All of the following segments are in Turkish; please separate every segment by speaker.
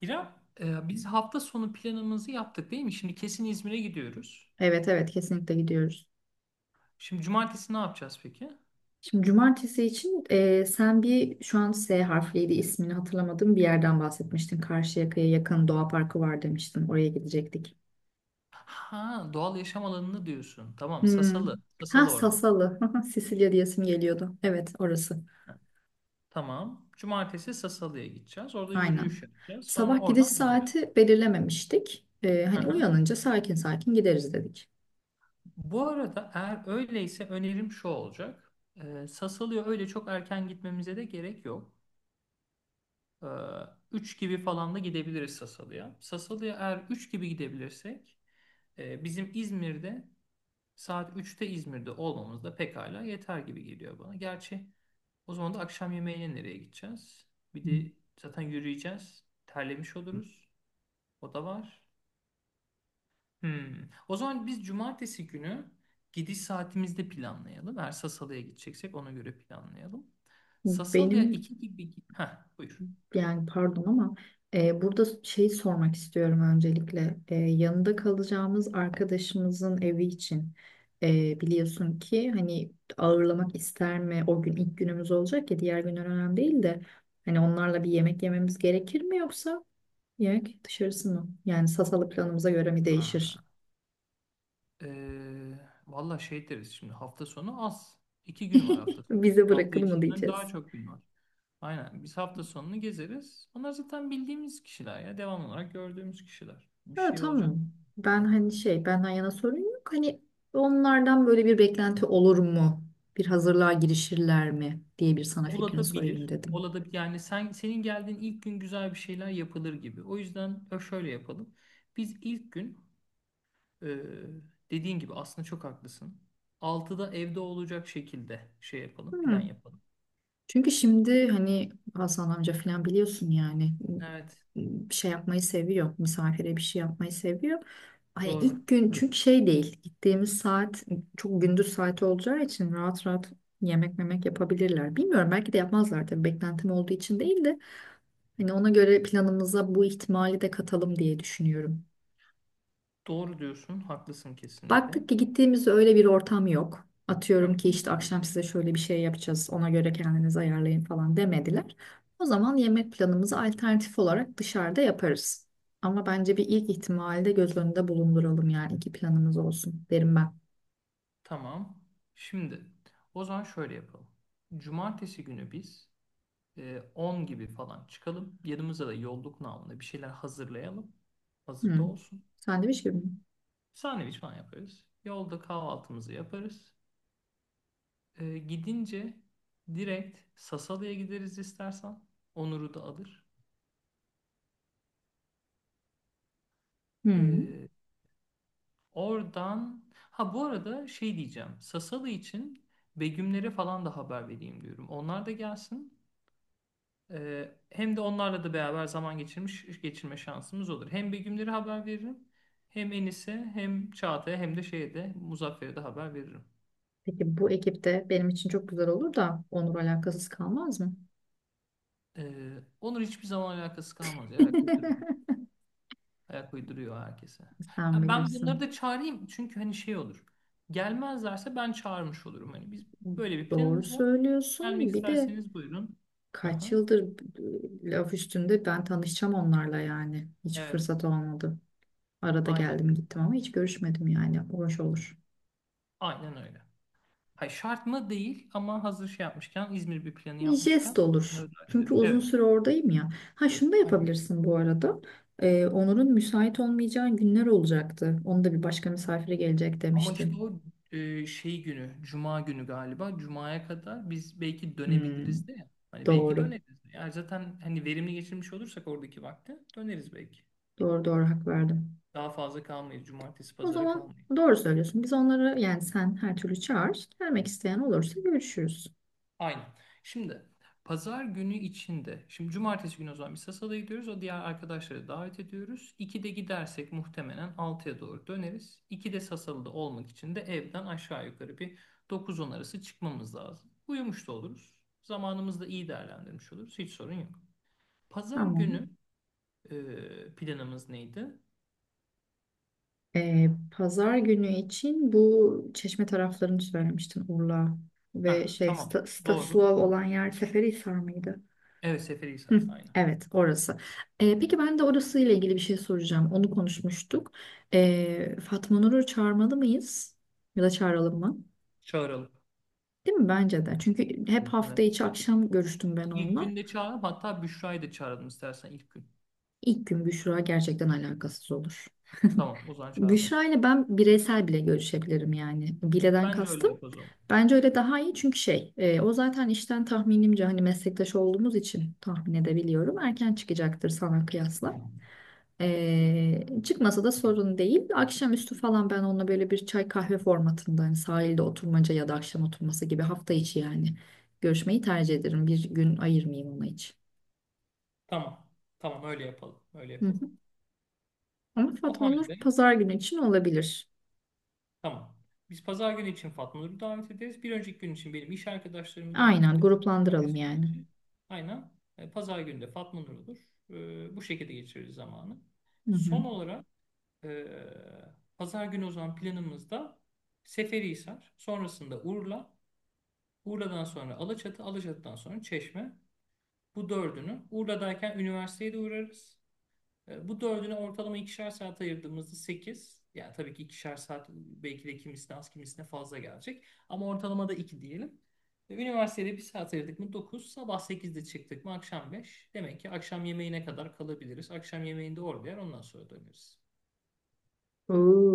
Speaker 1: İrem, biz hafta sonu planımızı yaptık değil mi? Şimdi kesin İzmir'e gidiyoruz.
Speaker 2: Evet evet kesinlikle gidiyoruz.
Speaker 1: Şimdi cumartesi ne yapacağız peki?
Speaker 2: Şimdi cumartesi için sen bir şu an S harfliydi ismini hatırlamadığım bir yerden bahsetmiştin. Karşıyaka'ya yakın doğa parkı var demiştin. Oraya gidecektik.
Speaker 1: Ha, doğal yaşam alanını diyorsun. Tamam,
Speaker 2: Hmm.
Speaker 1: Sasalı.
Speaker 2: Ha,
Speaker 1: Sasalı Ormanı.
Speaker 2: Sasalı. Sicilya diyesim geliyordu. Evet, orası.
Speaker 1: Ha, tamam. Cumartesi Sasalı'ya gideceğiz. Orada
Speaker 2: Aynen.
Speaker 1: yürüyüş yapacağız. Sonra
Speaker 2: Sabah gidiş
Speaker 1: oradan döneceğiz.
Speaker 2: saati belirlememiştik. Hani
Speaker 1: Aha.
Speaker 2: uyanınca sakin sakin gideriz dedik.
Speaker 1: Bu arada eğer öyleyse önerim şu olacak. Sasalı'ya öyle çok erken gitmemize de gerek yok. E, 3 gibi falan da gidebiliriz Sasalı'ya. Sasalı'ya eğer 3 gibi gidebilirsek e, bizim İzmir'de Saat 3'te İzmir'de olmamız da pekala yeter gibi geliyor bana. Gerçi o zaman da akşam yemeğine nereye gideceğiz? Bir de zaten yürüyeceğiz. Terlemiş oluruz. O da var. Hmm. O zaman biz cumartesi günü gidiş saatimizde planlayalım. Eğer Sasalı'ya gideceksek ona göre planlayalım. Sasalı'ya
Speaker 2: Benim
Speaker 1: 2 gibi... Heh, buyur.
Speaker 2: yani pardon ama burada şey sormak istiyorum öncelikle. Yanında kalacağımız arkadaşımızın evi için biliyorsun ki hani ağırlamak ister mi? O gün ilk günümüz olacak ya, diğer günler önemli değil de hani onlarla bir yemek yememiz gerekir mi, yoksa yemek dışarısı mı? Yani Sasalı planımıza göre mi
Speaker 1: Ha.
Speaker 2: değişir?
Speaker 1: Ee, valla şey deriz şimdi hafta sonu az. İki gün var hafta sonu.
Speaker 2: Bize
Speaker 1: Hafta
Speaker 2: bırakın mı
Speaker 1: içinden daha
Speaker 2: diyeceğiz.
Speaker 1: çok gün var. Aynen. Biz hafta sonunu gezeriz. Onlar zaten bildiğimiz kişiler ya. Devam olarak gördüğümüz kişiler. Bir
Speaker 2: Ha,
Speaker 1: şey olacak
Speaker 2: tamam. Ben
Speaker 1: sonra.
Speaker 2: hani şey, benden yana sorun yok. Hani onlardan böyle bir beklenti olur mu? Bir hazırlığa girişirler mi diye bir sana fikrini sorayım
Speaker 1: Olabilir.
Speaker 2: dedim.
Speaker 1: Olabilir. Yani senin geldiğin ilk gün güzel bir şeyler yapılır gibi. O yüzden şöyle yapalım. Biz ilk gün e, dediğin gibi aslında çok haklısın. 6'da evde olacak şekilde şey yapalım. Plan
Speaker 2: Hı.
Speaker 1: yapalım.
Speaker 2: Çünkü şimdi hani Hasan amca falan biliyorsun yani
Speaker 1: Evet.
Speaker 2: bir şey yapmayı seviyor. Misafire bir şey yapmayı seviyor. Hani
Speaker 1: Doğru.
Speaker 2: ilk gün, çünkü şey değil, gittiğimiz saat çok gündüz saati olacağı için rahat rahat yemek memek yapabilirler. Bilmiyorum, belki de yapmazlar tabii, beklentim olduğu için değil de hani ona göre planımıza bu ihtimali de katalım diye düşünüyorum.
Speaker 1: Doğru diyorsun, haklısın kesinlikle.
Speaker 2: Baktık ki gittiğimizde öyle bir ortam yok.
Speaker 1: Hı
Speaker 2: Atıyorum ki
Speaker 1: hı.
Speaker 2: işte akşam size şöyle bir şey yapacağız, ona göre kendinizi ayarlayın falan demediler. O zaman yemek planımızı alternatif olarak dışarıda yaparız. Ama bence bir ilk ihtimali de göz önünde bulunduralım, yani iki planımız olsun derim ben.
Speaker 1: Tamam. Şimdi o zaman şöyle yapalım. Cumartesi günü biz 10 gibi falan çıkalım. Yanımıza da yolluk namına bir şeyler hazırlayalım. Hazırda
Speaker 2: Hmm.
Speaker 1: olsun.
Speaker 2: Sandviç gibi mi?
Speaker 1: Sandviç falan yaparız. Yolda kahvaltımızı yaparız. Gidince direkt Sasalı'ya gideriz istersen. Onur'u da alır.
Speaker 2: Hmm.
Speaker 1: E, Oradan ha bu arada şey diyeceğim. Sasalı için Begümlere falan da haber vereyim diyorum. Onlar da gelsin. Hem de onlarla da beraber zaman geçirme şansımız olur. Hem Begümlere haber veririm. Hem Enis'e hem Çağatay'a hem de şeye de Muzaffer'e de haber veririm.
Speaker 2: Peki bu ekipte benim için çok güzel olur da Onur alakasız kalmaz mı?
Speaker 1: Onun hiçbir zaman alakası kalmaz ya. Kültür. Ayak uyduruyor herkese.
Speaker 2: Sen
Speaker 1: Ya ben bunları
Speaker 2: bilirsin.
Speaker 1: da çağırayım çünkü hani şey olur. Gelmezlerse ben çağırmış olurum. Hani biz böyle bir
Speaker 2: Doğru
Speaker 1: planımız var. Gelmek
Speaker 2: söylüyorsun. Bir de
Speaker 1: isterseniz buyurun.
Speaker 2: kaç
Speaker 1: Aha,
Speaker 2: yıldır laf üstünde ben tanışacağım onlarla yani. Hiç
Speaker 1: evet,
Speaker 2: fırsat olmadı. Arada
Speaker 1: aynen.
Speaker 2: geldim gittim ama hiç görüşmedim yani. Hoş olur.
Speaker 1: Aynen öyle. Hayır, şart mı değil ama hazır şey yapmışken, İzmir bir planı
Speaker 2: Bir jest
Speaker 1: yapmışken
Speaker 2: olur.
Speaker 1: bunları da
Speaker 2: Çünkü
Speaker 1: hallederiz.
Speaker 2: uzun
Speaker 1: Evet.
Speaker 2: süre oradayım ya. Ha, şunu da
Speaker 1: Aynen.
Speaker 2: yapabilirsin bu arada. Onur'un müsait olmayacağı günler olacaktı. Onu da bir başka misafire gelecek
Speaker 1: Ama işte
Speaker 2: demiştin.
Speaker 1: o şey günü, Cuma günü galiba. Cuma'ya kadar biz belki
Speaker 2: Hmm,
Speaker 1: dönebiliriz de ya. Hani belki
Speaker 2: doğru.
Speaker 1: döneriz. Eğer zaten hani verimli geçirmiş olursak oradaki vakti döneriz belki.
Speaker 2: Doğru hak verdim.
Speaker 1: Daha fazla kalmayız. Cumartesi
Speaker 2: O
Speaker 1: pazara
Speaker 2: zaman
Speaker 1: kalmayız.
Speaker 2: doğru söylüyorsun. Biz onları, yani sen her türlü çağır. Gelmek isteyen olursa görüşürüz.
Speaker 1: Aynen. Şimdi pazar günü içinde. Şimdi cumartesi günü o zaman biz Sasa'da gidiyoruz. O diğer arkadaşları davet ediyoruz. 2'de gidersek muhtemelen 6'ya doğru döneriz. 2'de Sasalı'da olmak için de evden aşağı yukarı bir dokuz 10 arası çıkmamız lazım. Uyumuş da oluruz. Zamanımızı da iyi değerlendirmiş oluruz. Hiç sorun yok. Pazar
Speaker 2: Tamam.
Speaker 1: günü planımız neydi?
Speaker 2: Pazar günü için bu Çeşme taraflarını söylemiştin, Urla ve
Speaker 1: Ha,
Speaker 2: şey
Speaker 1: tamam.
Speaker 2: Sta
Speaker 1: Doğru.
Speaker 2: Stanislav olan yer Seferihisar mıydı?
Speaker 1: Evet
Speaker 2: Hı,
Speaker 1: Seferihisar. Aynen.
Speaker 2: evet orası. Peki ben de orası ile ilgili bir şey soracağım. Onu konuşmuştuk. Fatma Nur'u çağırmalı mıyız? Ya da çağıralım mı?
Speaker 1: Çağıralım.
Speaker 2: Değil mi? Bence de. Çünkü hep hafta
Speaker 1: Evet.
Speaker 2: içi akşam görüştüm ben
Speaker 1: İlk
Speaker 2: onunla.
Speaker 1: günde çağırıp hatta Büşra'yı da çağıralım istersen ilk gün.
Speaker 2: İlk gün Büşra gerçekten alakasız olur.
Speaker 1: Tamam o zaman
Speaker 2: Büşra
Speaker 1: çağırmayız.
Speaker 2: ile ben bireysel bile görüşebilirim yani. Bileden
Speaker 1: Bence öyle
Speaker 2: kastım.
Speaker 1: yapalım o zaman.
Speaker 2: Bence öyle daha iyi, çünkü şey o zaten işten, tahminimce hani meslektaş olduğumuz için tahmin edebiliyorum, erken çıkacaktır sana kıyasla. Çıkmasa da sorun değil. Akşamüstü falan ben onunla böyle bir çay kahve formatında, hani sahilde oturmaca ya da akşam oturması gibi, hafta içi yani görüşmeyi tercih ederim. Bir gün ayırmayayım ona hiç.
Speaker 1: Tamam. Tamam öyle yapalım. Öyle
Speaker 2: Hı
Speaker 1: yapalım.
Speaker 2: hı. Ama
Speaker 1: O
Speaker 2: Fatma Nur
Speaker 1: halde
Speaker 2: pazar günü için olabilir.
Speaker 1: tamam. Biz pazar günü için Fatma Nur'u davet ederiz. Bir önceki gün için benim iş arkadaşlarımı davet
Speaker 2: Aynen,
Speaker 1: ederiz.
Speaker 2: gruplandıralım
Speaker 1: Cumartesi günü
Speaker 2: yani.
Speaker 1: için. Aynen. Pazar günü de Fatma Nur olur. Bu şekilde geçiririz zamanı.
Speaker 2: Hı hı.
Speaker 1: Son olarak e, pazar günü o zaman planımızda Seferihisar, sonrasında Urla, Urla'dan sonra Alaçatı, Alaçatı'dan sonra Çeşme. Bu dördünü Urla'dayken üniversiteye de uğrarız. Bu dördünü ortalama ikişer saat ayırdığımızda sekiz. Yani tabii ki ikişer saat belki de kimisine az kimisine fazla gelecek. Ama ortalama da 2 diyelim. Üniversitede bir saat ayırdık mı Dokuz. Sabah 8'de çıktık mı akşam 5. Demek ki akşam yemeğine kadar kalabiliriz. Akşam yemeğinde orada yer ondan sonra döneriz.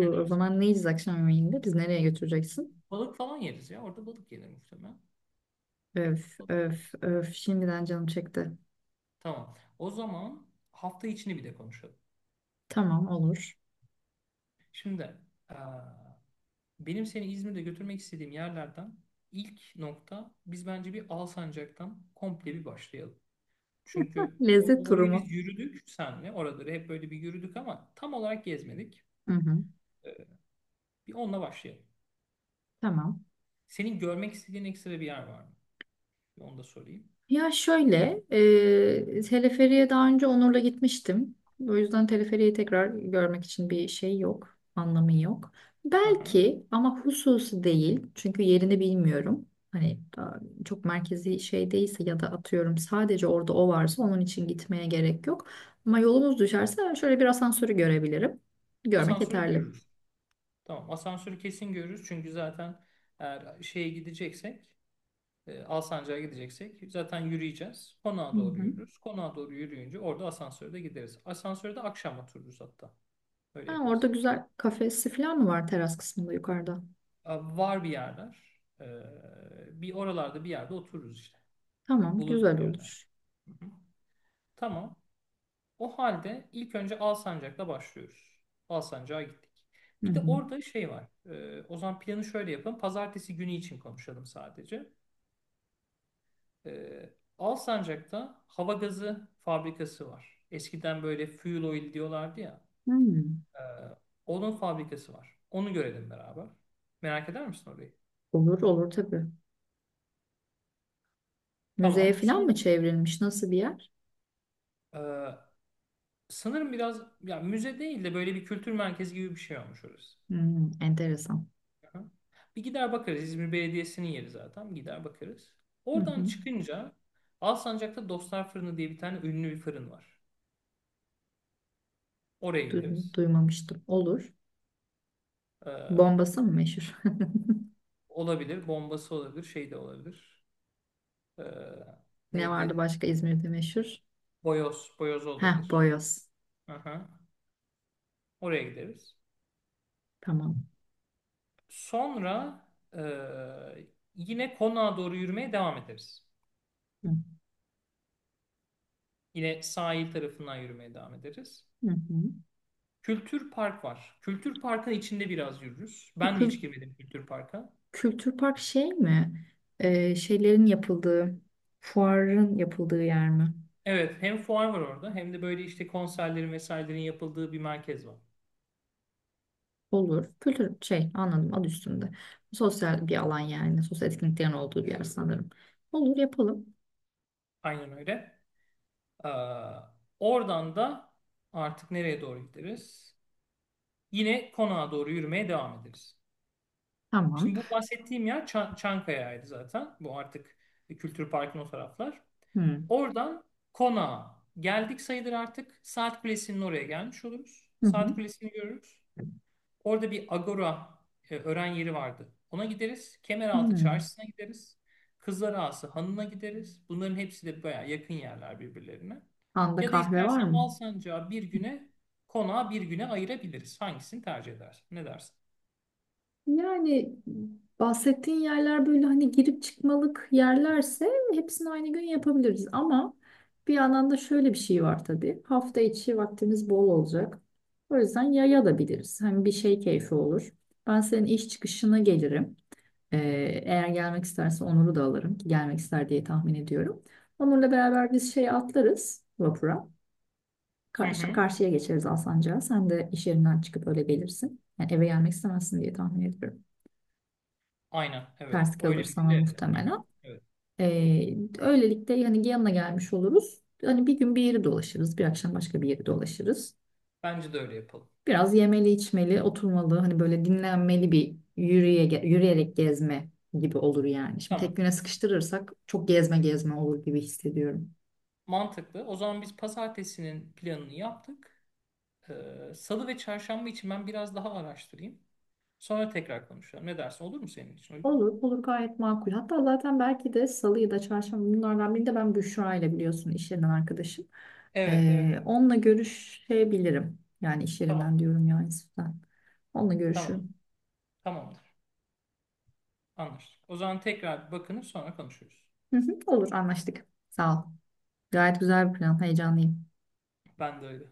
Speaker 1: Ne
Speaker 2: o
Speaker 1: dersin?
Speaker 2: zaman ne yiyeceğiz akşam yemeğinde? Biz nereye götüreceksin?
Speaker 1: Balık falan yeriz ya. Orada balık yenir muhtemelen.
Speaker 2: Öf
Speaker 1: Balık
Speaker 2: öf
Speaker 1: yeriz.
Speaker 2: öf, şimdiden canım çekti.
Speaker 1: Tamam. O zaman hafta içini bir de konuşalım.
Speaker 2: Tamam, olur.
Speaker 1: Şimdi eee, benim seni İzmir'de götürmek istediğim yerlerden ilk nokta biz bence bir Alsancak'tan komple bir başlayalım. Çünkü
Speaker 2: Lezzet turu
Speaker 1: orayı
Speaker 2: mu?
Speaker 1: biz yürüdük senle. Oraları hep böyle bir yürüdük ama tam olarak gezmedik.
Speaker 2: Hı hı.
Speaker 1: Ee, Bir onunla başlayalım.
Speaker 2: Tamam.
Speaker 1: Senin görmek istediğin ekstra bir yer var mı? Bir onu da sorayım.
Speaker 2: Ya şöyle, teleferiye daha önce Onur'la gitmiştim. O yüzden teleferiyi tekrar görmek için bir şey yok, anlamı yok.
Speaker 1: Aha.
Speaker 2: Belki, ama hususi değil. Çünkü yerini bilmiyorum. Hani daha çok merkezi şey değilse ya da atıyorum sadece orada o varsa onun için gitmeye gerek yok. Ama yolumuz düşerse şöyle bir asansörü görebilirim. Görmek
Speaker 1: Asansörü
Speaker 2: yeterli.
Speaker 1: görürüz. Tamam asansörü kesin görürüz. Çünkü zaten eğer şeye gideceksek Alsancak'a gideceksek zaten yürüyeceğiz.
Speaker 2: Hı
Speaker 1: Konağa doğru
Speaker 2: hı.
Speaker 1: yürürüz. Konağa doğru yürüyünce orada asansörde gideriz. Asansörde akşam otururuz hatta. Öyle
Speaker 2: Ha, orada
Speaker 1: yaparız.
Speaker 2: güzel kafesi falan mı var, teras kısmında yukarıda?
Speaker 1: Var bir yerler. Bir oralarda bir yerde otururuz işte. Bir
Speaker 2: Tamam,
Speaker 1: buluruz
Speaker 2: güzel
Speaker 1: bir yerler.
Speaker 2: olur.
Speaker 1: Hı hı. Tamam. O halde ilk önce Alsancak'la başlıyoruz. Alsancak'a gittik.
Speaker 2: Hı
Speaker 1: Bir de
Speaker 2: hı.
Speaker 1: orada şey var. O zaman planı şöyle yapalım. Pazartesi günü için konuşalım sadece. Ee, Alsancak'ta hava gazı fabrikası var. Eskiden böyle fuel oil diyorlardı ya.
Speaker 2: Hmm.
Speaker 1: Ee, onun fabrikası var. Onu görelim beraber. Merak eder misin orayı?
Speaker 2: Olur olur tabii. Müzeye
Speaker 1: Tamam.
Speaker 2: falan mı çevrilmiş? Nasıl bir yer?
Speaker 1: E, sanırım biraz ya müze değil de böyle bir kültür merkezi gibi bir şey olmuş orası.
Speaker 2: Hmm, enteresan.
Speaker 1: Hı hı. Bir gider bakarız. İzmir Belediyesi'nin yeri zaten. Gider bakarız.
Speaker 2: Hı
Speaker 1: Oradan
Speaker 2: hı.
Speaker 1: çıkınca Alsancak'ta Dostlar Fırını diye bir tane ünlü bir fırın var. Oraya gideriz.
Speaker 2: Duymamıştım. Olur.
Speaker 1: Ee,
Speaker 2: Bombası mı meşhur?
Speaker 1: olabilir. Bombası olabilir. Şey de olabilir. Ee,
Speaker 2: Ne vardı
Speaker 1: neydi?
Speaker 2: başka İzmir'de meşhur?
Speaker 1: Boyoz. Boyoz
Speaker 2: Heh,
Speaker 1: olabilir.
Speaker 2: boyoz.
Speaker 1: Aha. Oraya gideriz.
Speaker 2: Tamam.
Speaker 1: Sonra e, yine konağa doğru yürümeye devam ederiz.
Speaker 2: Hı
Speaker 1: Yine sahil tarafından yürümeye devam ederiz.
Speaker 2: hı. Hı.
Speaker 1: Kültür Park var. Kültür Park'ın içinde biraz yürürüz.
Speaker 2: Bu
Speaker 1: Ben de hiç
Speaker 2: kül-
Speaker 1: girmedim Kültür Park'a.
Speaker 2: kültür park şey mi? Şeylerin yapıldığı, fuarın yapıldığı yer mi?
Speaker 1: Evet, hem fuar var orada hem de böyle işte konserlerin vesairelerin yapıldığı bir merkez var.
Speaker 2: Olur. Kültür şey, anladım, adı üstünde. Sosyal bir alan yani. Sosyal etkinliklerin olduğu bir yer sanırım. Olur, yapalım.
Speaker 1: Aynen öyle. Ee, oradan da artık nereye doğru gideriz? Yine konağa doğru yürümeye devam ederiz.
Speaker 2: Tamam.
Speaker 1: Şimdi bu bahsettiğim yer Çankaya'ydı zaten. Bu artık Kültür Park'ın o taraflar.
Speaker 2: Hı.
Speaker 1: Oradan konağa geldik sayılır artık. Saat Kulesi'nin oraya gelmiş oluruz.
Speaker 2: Hı hı.
Speaker 1: Saat Kulesi'ni görürüz. Orada bir agora öğren yeri vardı. Ona gideriz. Kemeraltı
Speaker 2: Hmm.
Speaker 1: Çarşısı'na gideriz. Kızlar Ağası Hanı'na gideriz. Bunların hepsi de bayağı yakın yerler birbirlerine.
Speaker 2: Anda
Speaker 1: Ya da
Speaker 2: kahve var
Speaker 1: istersen
Speaker 2: mı?
Speaker 1: Alsancak'a bir güne, konağa bir güne ayırabiliriz. Hangisini tercih edersin? Ne dersin?
Speaker 2: Yani bahsettiğin yerler böyle hani girip çıkmalık yerlerse hepsini aynı gün yapabiliriz. Ama bir yandan da şöyle bir şey var tabii. Hafta içi vaktimiz bol olacak. O yüzden yaya da biliriz. Hem bir şey, keyfi olur. Ben senin iş çıkışına gelirim. Ee, Eğer gelmek isterse Onur'u da alırım. Ki gelmek ister diye tahmin ediyorum. Onur'la beraber biz şeye atlarız, vapura.
Speaker 1: Hı
Speaker 2: Karşı,
Speaker 1: hı.
Speaker 2: karşıya geçeriz Alsancak'a. Sen de iş yerinden çıkıp öyle gelirsin. Yani eve gelmek istemezsin diye tahmin ediyorum.
Speaker 1: Aynen, evet.
Speaker 2: Ters kalır
Speaker 1: Öyle bir gün
Speaker 2: sana
Speaker 1: evet.
Speaker 2: muhtemelen.
Speaker 1: Aha, evet.
Speaker 2: Öylelikle yani yanına gelmiş oluruz. Hani bir gün bir yeri dolaşırız, bir akşam başka bir yeri dolaşırız.
Speaker 1: Bence de öyle yapalım.
Speaker 2: Biraz yemeli, içmeli, oturmalı. Hani böyle dinlenmeli bir yürüyerek gezme gibi olur yani. Şimdi
Speaker 1: Tamam.
Speaker 2: tek güne sıkıştırırsak çok gezme olur gibi hissediyorum.
Speaker 1: Mantıklı. O zaman biz pazartesinin planını yaptık. Salı ve çarşamba için ben biraz daha araştırayım. Sonra tekrar konuşalım. Ne dersin? Olur mu senin için? Uygun mu?
Speaker 2: Olur, olur, gayet makul. Hatta zaten belki de salı ya da çarşamba, bunlardan birinde ben Büşra ile, biliyorsun, iş yerinden arkadaşım.
Speaker 1: Evet, evet, evet.
Speaker 2: Onunla görüşebilirim. Yani iş
Speaker 1: Tamam,
Speaker 2: yerinden diyorum ya, Yusuf'tan. Onunla
Speaker 1: tamam.
Speaker 2: görüşürüm.
Speaker 1: Tamamdır. Anlaştık. O zaman tekrar bakınıp sonra konuşuruz.
Speaker 2: Hı hı, olur, anlaştık. Sağ ol. Gayet güzel bir plan. Heyecanlıyım.
Speaker 1: Ben de öyle.